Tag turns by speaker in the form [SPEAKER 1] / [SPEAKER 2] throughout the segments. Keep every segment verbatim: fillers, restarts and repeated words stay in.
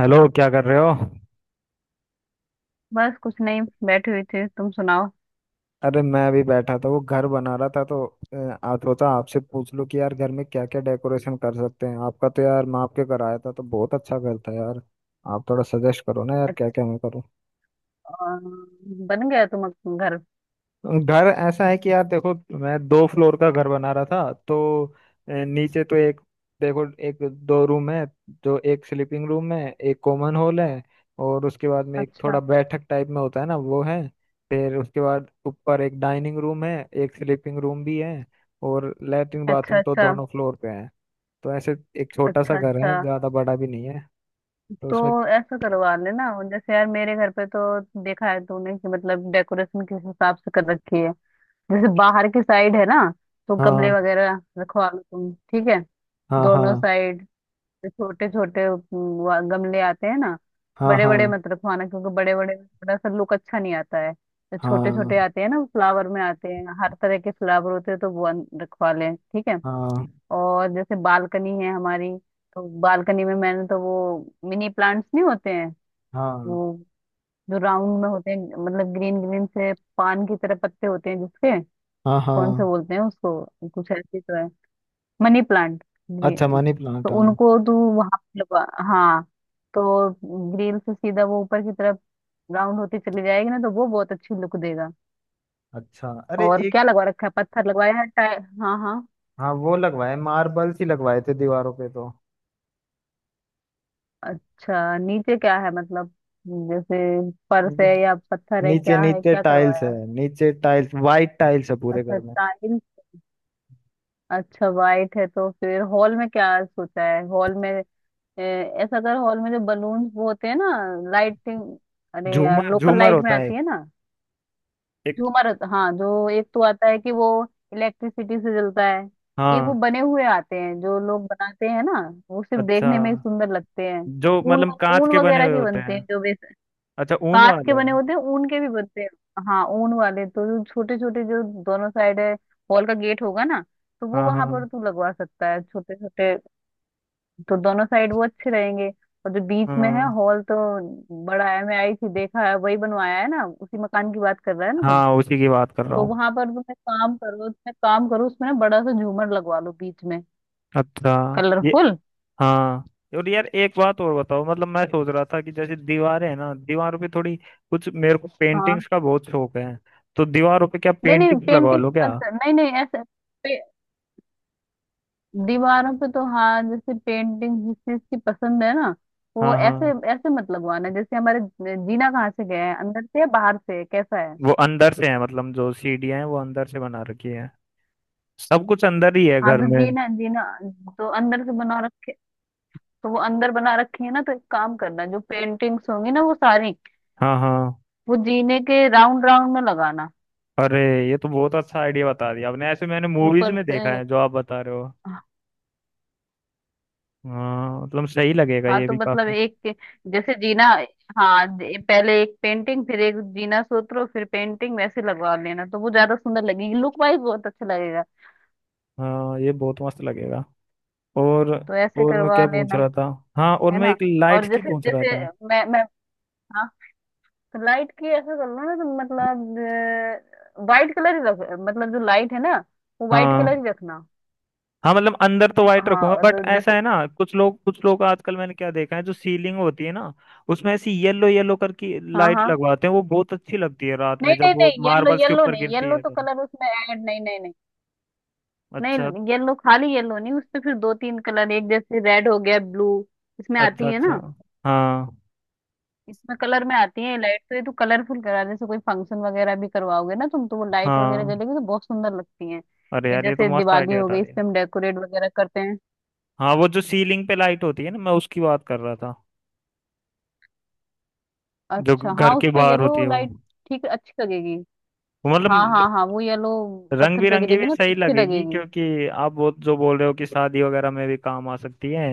[SPEAKER 1] Hello, क्या कर रहे हो?
[SPEAKER 2] बस कुछ नहीं। बैठी हुई थी, तुम सुनाओ।
[SPEAKER 1] अरे, मैं अभी बैठा था, वो घर बना रहा था तो अ, आ सोचा आपसे पूछ लूं कि यार घर में क्या क्या डेकोरेशन कर सकते हैं। आपका तो यार मैं आपके कराया था तो बहुत अच्छा घर था यार। आप थोड़ा सजेस्ट करो ना यार,
[SPEAKER 2] अच्छा।
[SPEAKER 1] क्या क्या मैं करूँ।
[SPEAKER 2] अ, बन गया तुम्हारा घर?
[SPEAKER 1] घर ऐसा है कि यार देखो, मैं दो फ्लोर का घर बना रहा था तो अ, नीचे तो एक, देखो एक दो रूम है। जो एक स्लीपिंग रूम है, एक कॉमन हॉल है, और उसके बाद में एक
[SPEAKER 2] अच्छा
[SPEAKER 1] थोड़ा बैठक टाइप में होता है ना वो है। फिर उसके बाद ऊपर एक डाइनिंग रूम है, एक स्लीपिंग रूम भी है, और लेटरिन
[SPEAKER 2] अच्छा।
[SPEAKER 1] बाथरूम तो
[SPEAKER 2] अच्छा
[SPEAKER 1] दोनों फ्लोर पे है। तो ऐसे एक छोटा
[SPEAKER 2] अच्छा।
[SPEAKER 1] सा घर
[SPEAKER 2] अच्छा,
[SPEAKER 1] है, ज्यादा बड़ा भी नहीं है। तो उसमें
[SPEAKER 2] तो ऐसा करवा लेना जैसे यार मेरे घर पे तो देखा है तूने कि मतलब डेकोरेशन किस हिसाब से कर रखी है। जैसे बाहर की साइड है ना, तो गमले
[SPEAKER 1] हाँ,
[SPEAKER 2] वगैरह रखवा लो तुम, ठीक है।
[SPEAKER 1] हाँ, हाँ,
[SPEAKER 2] दोनों साइड छोटे छोटे गमले आते हैं ना।
[SPEAKER 1] हाँ,
[SPEAKER 2] बड़े
[SPEAKER 1] हाँ,
[SPEAKER 2] बड़े मत रखवाना क्योंकि बड़े बड़े में थोड़ा सा लुक अच्छा नहीं आता है, तो छोटे छोटे
[SPEAKER 1] हाँ,
[SPEAKER 2] आते हैं ना, फ्लावर में आते हैं, हर तरह के फ्लावर होते हैं, तो वो अन- रखवा लें, ठीक है।
[SPEAKER 1] हाँ,
[SPEAKER 2] और जैसे बालकनी है हमारी, तो बालकनी में मैंने तो वो मिनी प्लांट्स नहीं होते हैं,
[SPEAKER 1] हाँ,
[SPEAKER 2] वो जो राउंड में होते हैं, मतलब ग्रीन ग्रीन से पान की तरह पत्ते होते हैं जिसके,
[SPEAKER 1] हाँ,
[SPEAKER 2] कौन से
[SPEAKER 1] हाँ।
[SPEAKER 2] बोलते हैं उसको, कुछ ऐसे तो है, मनी प्लांट
[SPEAKER 1] अच्छा,
[SPEAKER 2] ग्रीन।
[SPEAKER 1] मनी
[SPEAKER 2] तो
[SPEAKER 1] प्लांट, हाँ।
[SPEAKER 2] उनको तू वहां पे लगा, हाँ। तो ग्रिल से सीधा वो ऊपर की तरफ राउंड होती चली जाएगी ना, तो वो बहुत अच्छी लुक देगा।
[SPEAKER 1] अच्छा, अरे
[SPEAKER 2] और
[SPEAKER 1] एक,
[SPEAKER 2] क्या लगवा रखा है, पत्थर लगवाया है टाइ, हाँ हाँ।
[SPEAKER 1] हाँ वो लगवाए, मार्बल ही लगवाए थे दीवारों पे तो।
[SPEAKER 2] अच्छा, नीचे क्या है मतलब, जैसे फर्श है
[SPEAKER 1] नी-
[SPEAKER 2] या पत्थर है,
[SPEAKER 1] नीचे
[SPEAKER 2] क्या है,
[SPEAKER 1] नीचे
[SPEAKER 2] क्या
[SPEAKER 1] टाइल्स है,
[SPEAKER 2] करवाया?
[SPEAKER 1] नीचे टाइल्स वाइट टाइल्स है पूरे
[SPEAKER 2] अच्छा
[SPEAKER 1] घर में।
[SPEAKER 2] टाइल। अच्छा वाइट है तो फिर हॉल में क्या सोचा है हॉल में? ए, ऐसा कर, हॉल में जो बलून वो होते हैं ना, लाइटिंग, अरे यार
[SPEAKER 1] झूमर
[SPEAKER 2] लोकल
[SPEAKER 1] झूमर
[SPEAKER 2] लाइट में
[SPEAKER 1] होता है एक,
[SPEAKER 2] आती है ना।
[SPEAKER 1] एक।
[SPEAKER 2] झूमर होता- हाँ, जो एक तो आता है कि वो इलेक्ट्रिसिटी से जलता है, एक वो
[SPEAKER 1] हाँ,
[SPEAKER 2] बने हुए आते हैं जो लोग बनाते हैं ना, वो सिर्फ
[SPEAKER 1] अच्छा।
[SPEAKER 2] देखने में ही सुंदर लगते हैं।
[SPEAKER 1] जो
[SPEAKER 2] ऊन,
[SPEAKER 1] मतलब कांच
[SPEAKER 2] ऊन
[SPEAKER 1] के बने
[SPEAKER 2] वगैरह
[SPEAKER 1] हुए
[SPEAKER 2] के
[SPEAKER 1] होते
[SPEAKER 2] बनते
[SPEAKER 1] हैं?
[SPEAKER 2] हैं जो, वैसे
[SPEAKER 1] अच्छा, ऊन
[SPEAKER 2] कांच
[SPEAKER 1] वाले
[SPEAKER 2] के बने
[SPEAKER 1] हैं।
[SPEAKER 2] होते हैं, ऊन के भी बनते हैं। हाँ ऊन वाले तो जो छोटे छोटे जो दोनों साइड है, हॉल का गेट होगा ना, तो वो
[SPEAKER 1] हाँ,
[SPEAKER 2] वहां
[SPEAKER 1] हाँ,
[SPEAKER 2] पर तू लगवा सकता है छोटे छोटे। तो दोनों साइड वो अच्छे रहेंगे। और जो बीच में है
[SPEAKER 1] हाँ,
[SPEAKER 2] हॉल तो बड़ा है, मैं आई थी देखा है, वही बनवाया है ना, उसी मकान की बात कर रहा है ना तू।
[SPEAKER 1] हाँ, उसी की बात कर रहा
[SPEAKER 2] तो
[SPEAKER 1] हूँ।
[SPEAKER 2] वहां पर तुम एक काम करो, तुम एक काम करो, उसमें ना बड़ा सा झूमर लगवा लो बीच में,
[SPEAKER 1] अच्छा, ये
[SPEAKER 2] कलरफुल।
[SPEAKER 1] हाँ। और यार एक बात और बताओ, मतलब मैं सोच रहा था कि जैसे दीवारें हैं ना, दीवारों पे थोड़ी कुछ, मेरे को
[SPEAKER 2] हाँ,
[SPEAKER 1] पेंटिंग्स का बहुत शौक है। तो दीवारों पे क्या
[SPEAKER 2] नहीं नहीं
[SPEAKER 1] पेंटिंग्स लगवा
[SPEAKER 2] पेंटिंग
[SPEAKER 1] लो क्या।
[SPEAKER 2] मत कर, नहीं नहीं, ऐसे पे, दीवारों पे तो हाँ, जैसे पेंटिंग जिस चीज की पसंद है ना, वो
[SPEAKER 1] हाँ,
[SPEAKER 2] ऐसे
[SPEAKER 1] हाँ।
[SPEAKER 2] ऐसे मत लगवाना, जैसे हमारे, जीना कहाँ से गया है, अंदर से या बाहर से, कैसा है?
[SPEAKER 1] वो अंदर से है, मतलब जो सीढ़ियाँ हैं वो अंदर से बना रखी है। सब कुछ अंदर ही है
[SPEAKER 2] हाँ
[SPEAKER 1] घर
[SPEAKER 2] तो
[SPEAKER 1] में।
[SPEAKER 2] जीना, जीना तो अंदर से बना रखे, तो वो अंदर बना रखी है ना, तो एक काम करना, जो पेंटिंग्स होंगी ना वो सारी
[SPEAKER 1] हाँ, हाँ।
[SPEAKER 2] वो जीने के राउंड राउंड में लगाना,
[SPEAKER 1] अरे, ये तो बहुत अच्छा आइडिया बता दिया आपने। ऐसे मैंने मूवीज
[SPEAKER 2] ऊपर
[SPEAKER 1] में
[SPEAKER 2] से।
[SPEAKER 1] देखा है जो आप बता रहे हो। हाँ, मतलब सही लगेगा
[SPEAKER 2] हाँ
[SPEAKER 1] ये
[SPEAKER 2] तो
[SPEAKER 1] भी
[SPEAKER 2] मतलब
[SPEAKER 1] काफी।
[SPEAKER 2] एक, जैसे जीना, हाँ दे- पहले एक पेंटिंग फिर एक जीना सूत्र फिर पेंटिंग, वैसे लगवा लेना, तो वो ज्यादा सुंदर लगेगी, लुक वाइज बहुत अच्छा लगेगा।
[SPEAKER 1] हाँ, ये बहुत मस्त लगेगा। और
[SPEAKER 2] तो ऐसे
[SPEAKER 1] और मैं
[SPEAKER 2] करवा
[SPEAKER 1] क्या पूछ
[SPEAKER 2] लेना।
[SPEAKER 1] रहा था? हाँ, और
[SPEAKER 2] है
[SPEAKER 1] मैं
[SPEAKER 2] ना,
[SPEAKER 1] एक
[SPEAKER 2] और
[SPEAKER 1] लाइट्स की
[SPEAKER 2] जैसे
[SPEAKER 1] पूछ रहा
[SPEAKER 2] जैसे,
[SPEAKER 1] था।
[SPEAKER 2] मैं मैं, हाँ, तो लाइट की ऐसा कर लो ना, तो मतलब वाइट कलर ही रख, मतलब जो लाइट है ना, वो वाइट
[SPEAKER 1] हाँ,
[SPEAKER 2] कलर ही रखना।
[SPEAKER 1] हाँ। मतलब अंदर तो वाइट
[SPEAKER 2] हाँ
[SPEAKER 1] रखूंगा,
[SPEAKER 2] और
[SPEAKER 1] बट ऐसा
[SPEAKER 2] जैसे,
[SPEAKER 1] है ना कुछ लोग कुछ लोग आजकल, मैंने क्या देखा है, जो सीलिंग होती है ना उसमें ऐसी येलो येलो कर की
[SPEAKER 2] हाँ
[SPEAKER 1] लाइट
[SPEAKER 2] हाँ,
[SPEAKER 1] लगवाते हैं, वो बहुत अच्छी लगती है रात
[SPEAKER 2] नहीं
[SPEAKER 1] में जब
[SPEAKER 2] नहीं
[SPEAKER 1] वो
[SPEAKER 2] नहीं, येलो
[SPEAKER 1] मार्बल्स के
[SPEAKER 2] येलो
[SPEAKER 1] ऊपर
[SPEAKER 2] नहीं,
[SPEAKER 1] गिरती
[SPEAKER 2] येलो
[SPEAKER 1] है
[SPEAKER 2] तो
[SPEAKER 1] तो।
[SPEAKER 2] कलर उसमें ऐड नहीं, नहीं नहीं।
[SPEAKER 1] अच्छा,
[SPEAKER 2] नहीं येलो खाली येलो नहीं, उसपे फिर दो तीन कलर, एक जैसे रेड हो गया, ब्लू, इसमें
[SPEAKER 1] अच्छा,
[SPEAKER 2] आती है ना,
[SPEAKER 1] अच्छा। हाँ,
[SPEAKER 2] इसमें कलर में आती है लाइट, तो ये तो कलरफुल करा, जैसे कोई फंक्शन वगैरह भी करवाओगे ना तुम, तो वो लाइट वगैरह
[SPEAKER 1] हाँ।
[SPEAKER 2] जलेगी तो बहुत सुंदर लगती है।
[SPEAKER 1] अरे
[SPEAKER 2] ये
[SPEAKER 1] यार, ये तो
[SPEAKER 2] जैसे
[SPEAKER 1] मस्त
[SPEAKER 2] दिवाली
[SPEAKER 1] आइडिया
[SPEAKER 2] हो
[SPEAKER 1] बता
[SPEAKER 2] गई,
[SPEAKER 1] दिया।
[SPEAKER 2] इसपे हम डेकोरेट वगैरह करते हैं।
[SPEAKER 1] हाँ, वो जो सीलिंग पे लाइट होती है ना, मैं उसकी बात कर रहा था। जो
[SPEAKER 2] अच्छा,
[SPEAKER 1] घर
[SPEAKER 2] हाँ
[SPEAKER 1] के
[SPEAKER 2] उसपे
[SPEAKER 1] बाहर होती
[SPEAKER 2] येलो
[SPEAKER 1] है वो
[SPEAKER 2] लाइट ठीक अच्छी लगेगी।
[SPEAKER 1] वो मतलब
[SPEAKER 2] हाँ हाँ हाँ वो येलो,
[SPEAKER 1] रंग
[SPEAKER 2] पत्थर पे
[SPEAKER 1] बिरंगी भी
[SPEAKER 2] गिरेगी ना तो
[SPEAKER 1] सही
[SPEAKER 2] अच्छी
[SPEAKER 1] लगेगी,
[SPEAKER 2] लगेगी,
[SPEAKER 1] क्योंकि आप वो जो बोल रहे हो कि शादी वगैरह में भी काम आ सकती है।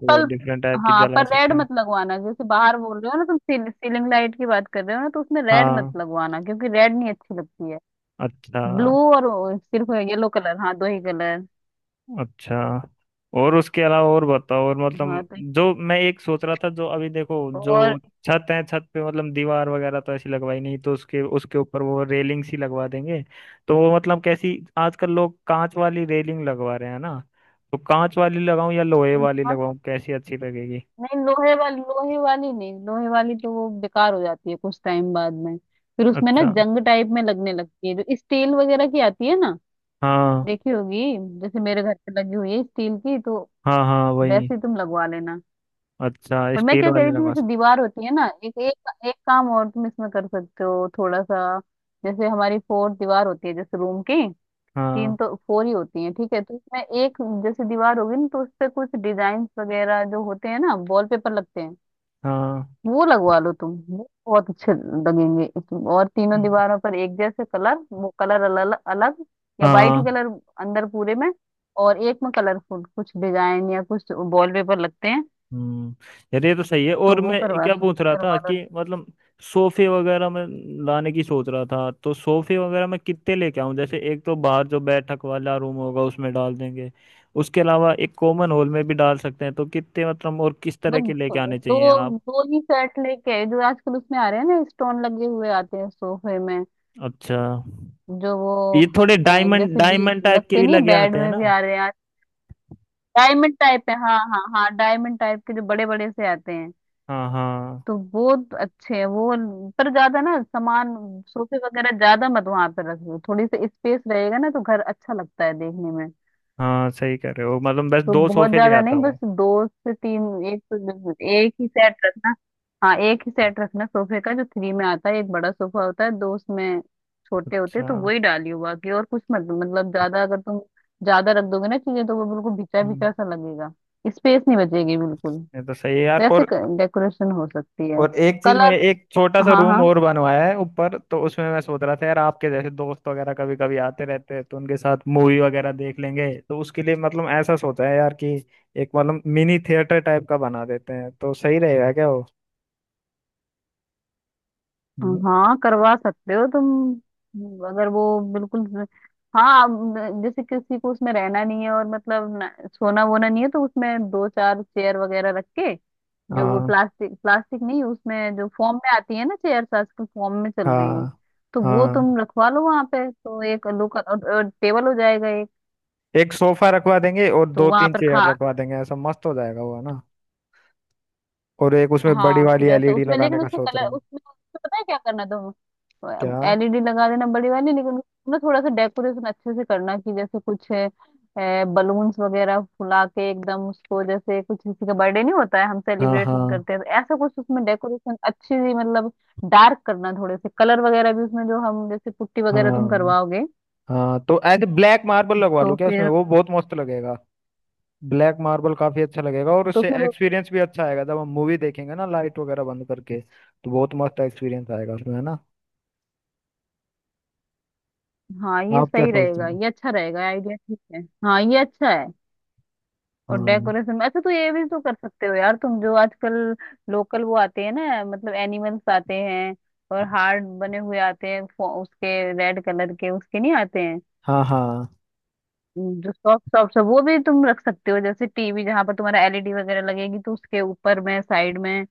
[SPEAKER 1] वो डिफरेंट टाइप की
[SPEAKER 2] हाँ
[SPEAKER 1] जला
[SPEAKER 2] पर रेड
[SPEAKER 1] सकते हैं।
[SPEAKER 2] मत लगवाना, जैसे बाहर बोल रहे हो ना तुम, सील, सीलिंग लाइट की बात कर रहे हो ना, तो उसमें रेड मत
[SPEAKER 1] हाँ।
[SPEAKER 2] लगवाना, क्योंकि रेड नहीं अच्छी लगती है।
[SPEAKER 1] अच्छा,
[SPEAKER 2] ब्लू और वो सिर्फ येलो कलर, हाँ दो ही कलर।
[SPEAKER 1] अच्छा। और उसके अलावा और बताओ, और
[SPEAKER 2] हाँ
[SPEAKER 1] मतलब
[SPEAKER 2] तो,
[SPEAKER 1] जो मैं एक सोच रहा था, जो अभी देखो, जो
[SPEAKER 2] और,
[SPEAKER 1] छत है, छत पे मतलब दीवार वगैरह तो ऐसी लगवाई नहीं, तो उसके उसके ऊपर वो रेलिंग सी लगवा देंगे। तो वो मतलब कैसी, आजकल लोग कांच वाली रेलिंग लगवा रहे हैं ना, तो कांच वाली लगाऊं या लोहे वाली
[SPEAKER 2] हाँ तो,
[SPEAKER 1] लगाऊं, कैसी अच्छी लगेगी?
[SPEAKER 2] नहीं लोहे वाली, लोहे वाली नहीं, लोहे वाली तो वो बेकार हो जाती है कुछ टाइम बाद में, फिर उसमें ना
[SPEAKER 1] अच्छा,
[SPEAKER 2] जंग टाइप में लगने लगती है, जो स्टील वगैरह की आती है ना,
[SPEAKER 1] हाँ,
[SPEAKER 2] देखी होगी, जैसे मेरे घर पे लगी हुई है स्टील की, तो
[SPEAKER 1] हाँ, हाँ, वही।
[SPEAKER 2] वैसे ही तुम लगवा लेना।
[SPEAKER 1] अच्छा,
[SPEAKER 2] और मैं
[SPEAKER 1] स्टील
[SPEAKER 2] क्या कह
[SPEAKER 1] वाले
[SPEAKER 2] रही थी,
[SPEAKER 1] लगा
[SPEAKER 2] जैसे
[SPEAKER 1] सकते।
[SPEAKER 2] दीवार होती है ना, एक एक एक काम और तुम इसमें कर सकते हो थोड़ा सा, जैसे हमारी फोर दीवार होती है जैसे रूम की, तीन
[SPEAKER 1] हाँ,
[SPEAKER 2] तो फोर ही होती है ठीक है, तो इसमें एक, जैसे दीवार होगी ना, तो उस पे कुछ डिजाइन वगैरह जो होते हैं ना, वॉलपेपर लगते हैं,
[SPEAKER 1] हाँ,
[SPEAKER 2] वो लगवा लो तुम, वो बहुत अच्छे लगेंगे इस- और तीनों दीवारों पर एक जैसे कलर, वो कलर अलग अलग, या वाइट ही
[SPEAKER 1] हाँ,
[SPEAKER 2] कलर अंदर पूरे में, और एक में कलरफुल कुछ डिजाइन या कुछ वॉलपेपर लगते हैं,
[SPEAKER 1] हम्म। यार, ये तो सही है।
[SPEAKER 2] तो
[SPEAKER 1] और
[SPEAKER 2] वो
[SPEAKER 1] मैं
[SPEAKER 2] करवा
[SPEAKER 1] क्या
[SPEAKER 2] सक,
[SPEAKER 1] पूछ रहा था
[SPEAKER 2] करवा लो।
[SPEAKER 1] कि मतलब सोफे वगैरह मैं लाने की सोच रहा था, तो सोफे वगैरह मैं कितने लेके आऊं? जैसे एक तो बाहर जो बैठक वाला रूम होगा उसमें डाल देंगे, उसके अलावा एक कॉमन हॉल में भी डाल सकते हैं, तो कितने मतलब और किस तरह
[SPEAKER 2] बट
[SPEAKER 1] के लेके आने
[SPEAKER 2] दो,
[SPEAKER 1] चाहिए आप?
[SPEAKER 2] दो ही सेट लेके आए, जो आजकल उसमें आ रहे हैं ना, स्टोन लगे हुए आते हैं सोफे में,
[SPEAKER 1] अच्छा,
[SPEAKER 2] जो वो
[SPEAKER 1] ये थोड़े
[SPEAKER 2] अ,
[SPEAKER 1] डायमंड
[SPEAKER 2] जैसे भी,
[SPEAKER 1] डायमंड टाइप के
[SPEAKER 2] लगते
[SPEAKER 1] भी
[SPEAKER 2] नहीं है,
[SPEAKER 1] लगे
[SPEAKER 2] बेड
[SPEAKER 1] आते हैं
[SPEAKER 2] में
[SPEAKER 1] ना।
[SPEAKER 2] भी आ रहे हैं। डायमंड टाइप है, हाँ हाँ हाँ, डायमंड टाइप के जो बड़े बड़े से आते हैं,
[SPEAKER 1] हाँ, हाँ।
[SPEAKER 2] तो वो अच्छे हैं वो। पर ज्यादा ना सामान, सोफे वगैरह ज्यादा मत वहां पर रखियो, थोड़ी सी स्पेस रहेगा ना तो घर अच्छा लगता है देखने में,
[SPEAKER 1] हाँ, सही कह रहे हो, मतलब बस
[SPEAKER 2] तो
[SPEAKER 1] दो
[SPEAKER 2] बहुत
[SPEAKER 1] सोफे ले
[SPEAKER 2] ज्यादा
[SPEAKER 1] आता
[SPEAKER 2] नहीं, बस
[SPEAKER 1] हूँ।
[SPEAKER 2] दो से तीन, एक तो एक ही सेट रखना, हाँ एक ही सेट रखना सोफे का, जो थ्री में आता है, एक बड़ा सोफा होता है, दो उसमें छोटे होते हैं,
[SPEAKER 1] अच्छा।
[SPEAKER 2] तो वही डालियो, बाकी और कुछ मत, मतलब ज्यादा अगर तुम ज्यादा रख दोगे ना चीजें, तो वो बिल्कुल भिचा
[SPEAKER 1] हम्म।
[SPEAKER 2] भिचा सा लगेगा, स्पेस नहीं बचेगी बिल्कुल।
[SPEAKER 1] ये तो सही है यार।
[SPEAKER 2] वैसे
[SPEAKER 1] और
[SPEAKER 2] डेकोरेशन हो सकती है।
[SPEAKER 1] और एक चीज, मैं
[SPEAKER 2] कलर,
[SPEAKER 1] एक छोटा सा
[SPEAKER 2] हाँ
[SPEAKER 1] रूम
[SPEAKER 2] हाँ
[SPEAKER 1] और बनवाया है ऊपर, तो उसमें मैं सोच रहा था यार, आपके जैसे दोस्त वगैरह कभी कभी आते रहते हैं तो उनके साथ मूवी वगैरह देख लेंगे, तो उसके लिए मतलब ऐसा सोचा है यार कि एक मतलब मिनी थिएटर टाइप का बना देते हैं तो सही रहेगा क्या वो। हम्म।
[SPEAKER 2] हाँ करवा सकते हो तुम, अगर वो, बिल्कुल, हाँ अब, जैसे किसी को उसमें रहना नहीं है और मतलब न- सोना वोना नहीं है, तो उसमें दो चार चेयर वगैरह रख के, जो वो
[SPEAKER 1] हाँ,
[SPEAKER 2] प्लास्टिक, प्लास्टिक नहीं, उसमें जो फॉर्म में आती है ना, चेयर्स आजकल फॉर्म में चल रही हैं,
[SPEAKER 1] हाँ,
[SPEAKER 2] तो वो
[SPEAKER 1] हाँ।
[SPEAKER 2] तुम रखवा लो वहां पे, तो एक लोकल और, और टेबल हो जाएगा एक।
[SPEAKER 1] एक सोफा रखवा देंगे और
[SPEAKER 2] तो
[SPEAKER 1] दो
[SPEAKER 2] वहां
[SPEAKER 1] तीन
[SPEAKER 2] पर
[SPEAKER 1] चेयर
[SPEAKER 2] खा,
[SPEAKER 1] रखवा देंगे, ऐसा मस्त हो जाएगा वो, है ना। और एक उसमें बड़ी
[SPEAKER 2] हाँ
[SPEAKER 1] वाली
[SPEAKER 2] फिर ऐसा
[SPEAKER 1] एलईडी
[SPEAKER 2] उसमें,
[SPEAKER 1] लगाने
[SPEAKER 2] लेकिन
[SPEAKER 1] का
[SPEAKER 2] उसमें
[SPEAKER 1] सोच
[SPEAKER 2] कलर,
[SPEAKER 1] रहा हूँ।
[SPEAKER 2] उसमें उसमें पता है क्या करना, तो तो
[SPEAKER 1] क्या?
[SPEAKER 2] एलईडी लगा देना बड़ी वाली, लेकिन उसमें ना थोड़ा सा डेकोरेशन अच्छे से करना कि जैसे कुछ बलून्स वगैरह फुला के एकदम उसको, जैसे कुछ किसी का बर्थडे नहीं होता है हम
[SPEAKER 1] हाँ,
[SPEAKER 2] सेलिब्रेशन
[SPEAKER 1] हाँ,
[SPEAKER 2] करते हैं, तो ऐसा कुछ उसमें डेकोरेशन अच्छी सी मतलब, डार्क करना, थोड़े से कलर वगैरह भी उसमें, जो हम जैसे पुट्टी वगैरह तुम
[SPEAKER 1] हाँ,
[SPEAKER 2] करवाओगे।
[SPEAKER 1] हाँ। तो ऐसे ब्लैक मार्बल लगवा
[SPEAKER 2] तो
[SPEAKER 1] लूँ क्या उसमें,
[SPEAKER 2] फिर,
[SPEAKER 1] वो बहुत मस्त लगेगा। ब्लैक मार्बल काफी अच्छा लगेगा और
[SPEAKER 2] तो
[SPEAKER 1] उससे
[SPEAKER 2] फिर,
[SPEAKER 1] एक्सपीरियंस भी अच्छा आएगा, जब हम मूवी देखेंगे ना लाइट वगैरह बंद करके तो बहुत मस्त एक्सपीरियंस आएगा उसमें, है ना।
[SPEAKER 2] हाँ ये
[SPEAKER 1] आप क्या
[SPEAKER 2] सही
[SPEAKER 1] सोचते
[SPEAKER 2] रहेगा,
[SPEAKER 1] हो?
[SPEAKER 2] ये अच्छा रहेगा आइडिया, ठीक है हाँ ये अच्छा है। और
[SPEAKER 1] हाँ,
[SPEAKER 2] डेकोरेशन में अच्छा, तो ये भी तो कर सकते हो यार तुम, जो आजकल लोकल वो आते हैं ना, मतलब एनिमल्स आते हैं, और हार्ट बने हुए आते हैं फो- उसके, रेड कलर के उसके नहीं आते हैं,
[SPEAKER 1] हाँ, हाँ,
[SPEAKER 2] जो सॉफ्ट सॉफ्ट, वो भी तुम रख सकते हो, जैसे टीवी जहां पर तुम्हारा एलईडी वगैरह लगेगी, तो उसके ऊपर में, साइड में।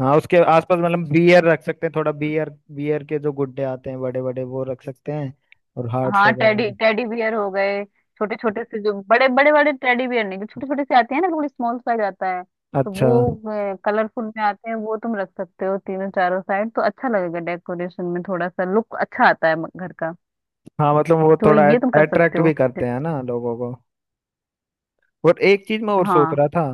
[SPEAKER 1] हाँ। उसके आसपास मतलब बियर रख सकते हैं, थोड़ा बियर। बियर के जो गुड्डे आते हैं बड़े बड़े, वो रख सकते हैं, और हार्ट्स
[SPEAKER 2] हाँ
[SPEAKER 1] वगैरह
[SPEAKER 2] टेडी,
[SPEAKER 1] भी।
[SPEAKER 2] टेडी बियर हो गए, छोटे छोटे से, जो बड़े बड़े बड़े टेडी बियर नहीं, जो छोटे छोटे से आते हैं ना, थोड़ी स्मॉल साइज आता है, तो
[SPEAKER 1] अच्छा।
[SPEAKER 2] वो कलरफुल में आते हैं, वो तुम रख सकते हो, तीनों चारों साइड, तो अच्छा लगेगा डेकोरेशन में, थोड़ा सा लुक अच्छा आता है घर का,
[SPEAKER 1] हाँ, मतलब वो
[SPEAKER 2] तो
[SPEAKER 1] थोड़ा
[SPEAKER 2] ये तुम कर सकते
[SPEAKER 1] अट्रैक्ट भी
[SPEAKER 2] हो।
[SPEAKER 1] करते हैं ना लोगों को। और एक चीज मैं और सोच
[SPEAKER 2] हाँ
[SPEAKER 1] रहा था,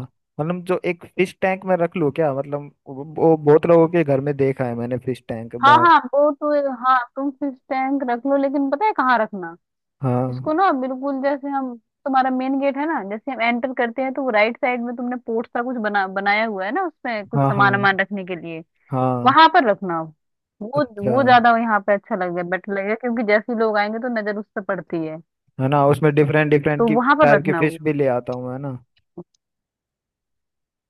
[SPEAKER 1] मतलब जो एक फिश टैंक में रख लूं क्या, मतलब वो वो बहुत लोगों के घर में देखा है मैंने, फिश टैंक
[SPEAKER 2] हाँ
[SPEAKER 1] बाहर।
[SPEAKER 2] हाँ वो तो, हाँ तुम फिश टैंक रख लो, लेकिन पता है कहाँ रखना
[SPEAKER 1] हाँ,
[SPEAKER 2] इसको ना, बिल्कुल जैसे हम, तुम्हारा मेन गेट है ना, जैसे हम एंटर करते हैं, तो वो राइट साइड में तुमने पोर्ट सा कुछ बना बनाया हुआ है ना, उसमें कुछ
[SPEAKER 1] हाँ, हाँ,
[SPEAKER 2] सामान वामान रखने के लिए,
[SPEAKER 1] हाँ।
[SPEAKER 2] वहां पर रखना आप। वो
[SPEAKER 1] अच्छा।
[SPEAKER 2] वो ज्यादा यहाँ पे अच्छा लगेगा, बेटर लगेगा, क्योंकि जैसे ही लोग आएंगे तो नजर उस पर पड़ती है,
[SPEAKER 1] है ना, उसमें डिफरेंट डिफरेंट
[SPEAKER 2] तो
[SPEAKER 1] की
[SPEAKER 2] वहां पर
[SPEAKER 1] टाइप की
[SPEAKER 2] रखना वो।
[SPEAKER 1] फिश भी ले आता हूँ, है ना।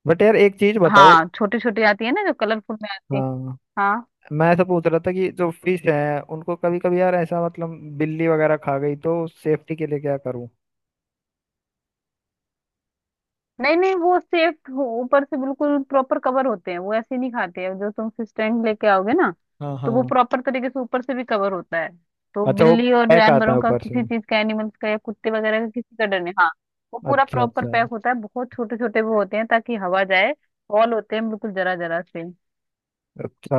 [SPEAKER 1] बट यार एक चीज बताओ।
[SPEAKER 2] हाँ छोटी छोटी आती है ना, जो कलरफुल में आती है।
[SPEAKER 1] हाँ,
[SPEAKER 2] हाँ,
[SPEAKER 1] मैं ऐसा पूछ रहा था कि जो फिश है उनको कभी कभी यार ऐसा मतलब बिल्ली वगैरह खा गई, तो सेफ्टी के लिए क्या करूँ?
[SPEAKER 2] नहीं नहीं वो सेफ, ऊपर से बिल्कुल प्रॉपर कवर होते हैं वो, ऐसे नहीं खाते हैं, जो तुम स्टैंड लेके आओगे ना,
[SPEAKER 1] हाँ,
[SPEAKER 2] तो वो
[SPEAKER 1] हाँ।
[SPEAKER 2] प्रॉपर तरीके से ऊपर से भी कवर होता है, तो
[SPEAKER 1] अच्छा, वो
[SPEAKER 2] बिल्ली और
[SPEAKER 1] पैक आता है
[SPEAKER 2] जानवरों का
[SPEAKER 1] ऊपर से।
[SPEAKER 2] किसी चीज का, एनिमल्स का, या कुत्ते वगैरह का किसी का डर नहीं, हाँ। वो पूरा
[SPEAKER 1] अच्छा,
[SPEAKER 2] प्रॉपर
[SPEAKER 1] अच्छा,
[SPEAKER 2] पैक होता है, बहुत छोटे छोटे वो होते हैं ताकि हवा जाए, हॉल होते हैं बिल्कुल जरा जरा से।
[SPEAKER 1] अच्छा।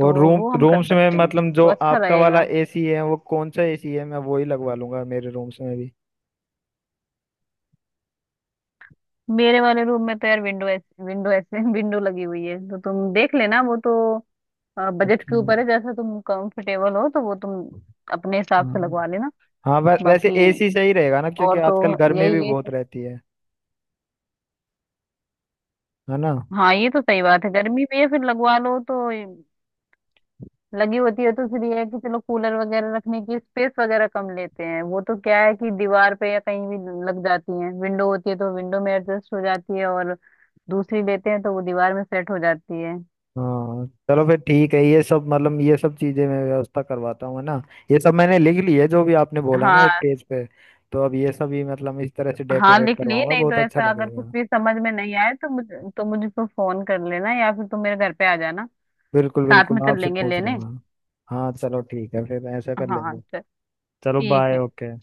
[SPEAKER 2] तो
[SPEAKER 1] और रूम
[SPEAKER 2] वो हम कर
[SPEAKER 1] रूम्स में
[SPEAKER 2] सकते हैं,
[SPEAKER 1] मतलब जो
[SPEAKER 2] तो अच्छा
[SPEAKER 1] आपका वाला
[SPEAKER 2] रहेगा।
[SPEAKER 1] एसी है वो, कौन सा एसी है, मैं वही लगवा लूंगा मेरे रूम्स में भी।
[SPEAKER 2] मेरे वाले रूम में तो यार विंडो ऐसे, विंडो ऐसे विंडो लगी हुई है, तो तुम देख लेना वो तो, बजट
[SPEAKER 1] अच्छा।
[SPEAKER 2] के ऊपर है, जैसा तुम कंफर्टेबल हो, तो वो तुम अपने हिसाब
[SPEAKER 1] हाँ,
[SPEAKER 2] से लगवा लेना।
[SPEAKER 1] हाँ, वै, वैसे
[SPEAKER 2] बाकी
[SPEAKER 1] एसी सही रहेगा ना, क्योंकि
[SPEAKER 2] और तो
[SPEAKER 1] आजकल गर्मी भी
[SPEAKER 2] यही
[SPEAKER 1] बहुत
[SPEAKER 2] है।
[SPEAKER 1] रहती है। है ना।
[SPEAKER 2] हाँ ये तो सही बात है, गर्मी में फिर लगवा लो तो, लगी होती है तो फिर ये है कि चलो कूलर वगैरह रखने की स्पेस वगैरह कम लेते हैं, वो तो क्या है कि दीवार पे या कहीं भी लग जाती है, विंडो होती है तो विंडो में एडजस्ट हो जाती है, और दूसरी लेते हैं तो वो दीवार में सेट हो जाती है।
[SPEAKER 1] हाँ चलो, फिर ठीक है, ये सब मतलब ये सब चीजें मैं व्यवस्था करवाता हूँ, है ना। ये सब मैंने लिख ली है जो भी आपने बोला ना,
[SPEAKER 2] हाँ,
[SPEAKER 1] एक पेज पे। तो अब ये सब ही मतलब इस तरह से
[SPEAKER 2] हाँ
[SPEAKER 1] डेकोरेट
[SPEAKER 2] लिख ली,
[SPEAKER 1] करवाऊंगा,
[SPEAKER 2] नहीं तो
[SPEAKER 1] बहुत अच्छा
[SPEAKER 2] ऐसा अगर कुछ
[SPEAKER 1] लगेगा।
[SPEAKER 2] भी समझ में नहीं आए तो मुझे, तो मुझको फोन कर लेना, या फिर तुम मेरे घर पे आ जाना,
[SPEAKER 1] बिल्कुल
[SPEAKER 2] साथ
[SPEAKER 1] बिल्कुल,
[SPEAKER 2] में चल
[SPEAKER 1] आपसे
[SPEAKER 2] लेंगे
[SPEAKER 1] पूछ
[SPEAKER 2] लेने।
[SPEAKER 1] लूंगा। हाँ चलो, ठीक है, फिर ऐसा कर
[SPEAKER 2] हाँ
[SPEAKER 1] लेंगे।
[SPEAKER 2] चल,
[SPEAKER 1] चलो,
[SPEAKER 2] ठीक
[SPEAKER 1] बाय,
[SPEAKER 2] है।
[SPEAKER 1] ओके।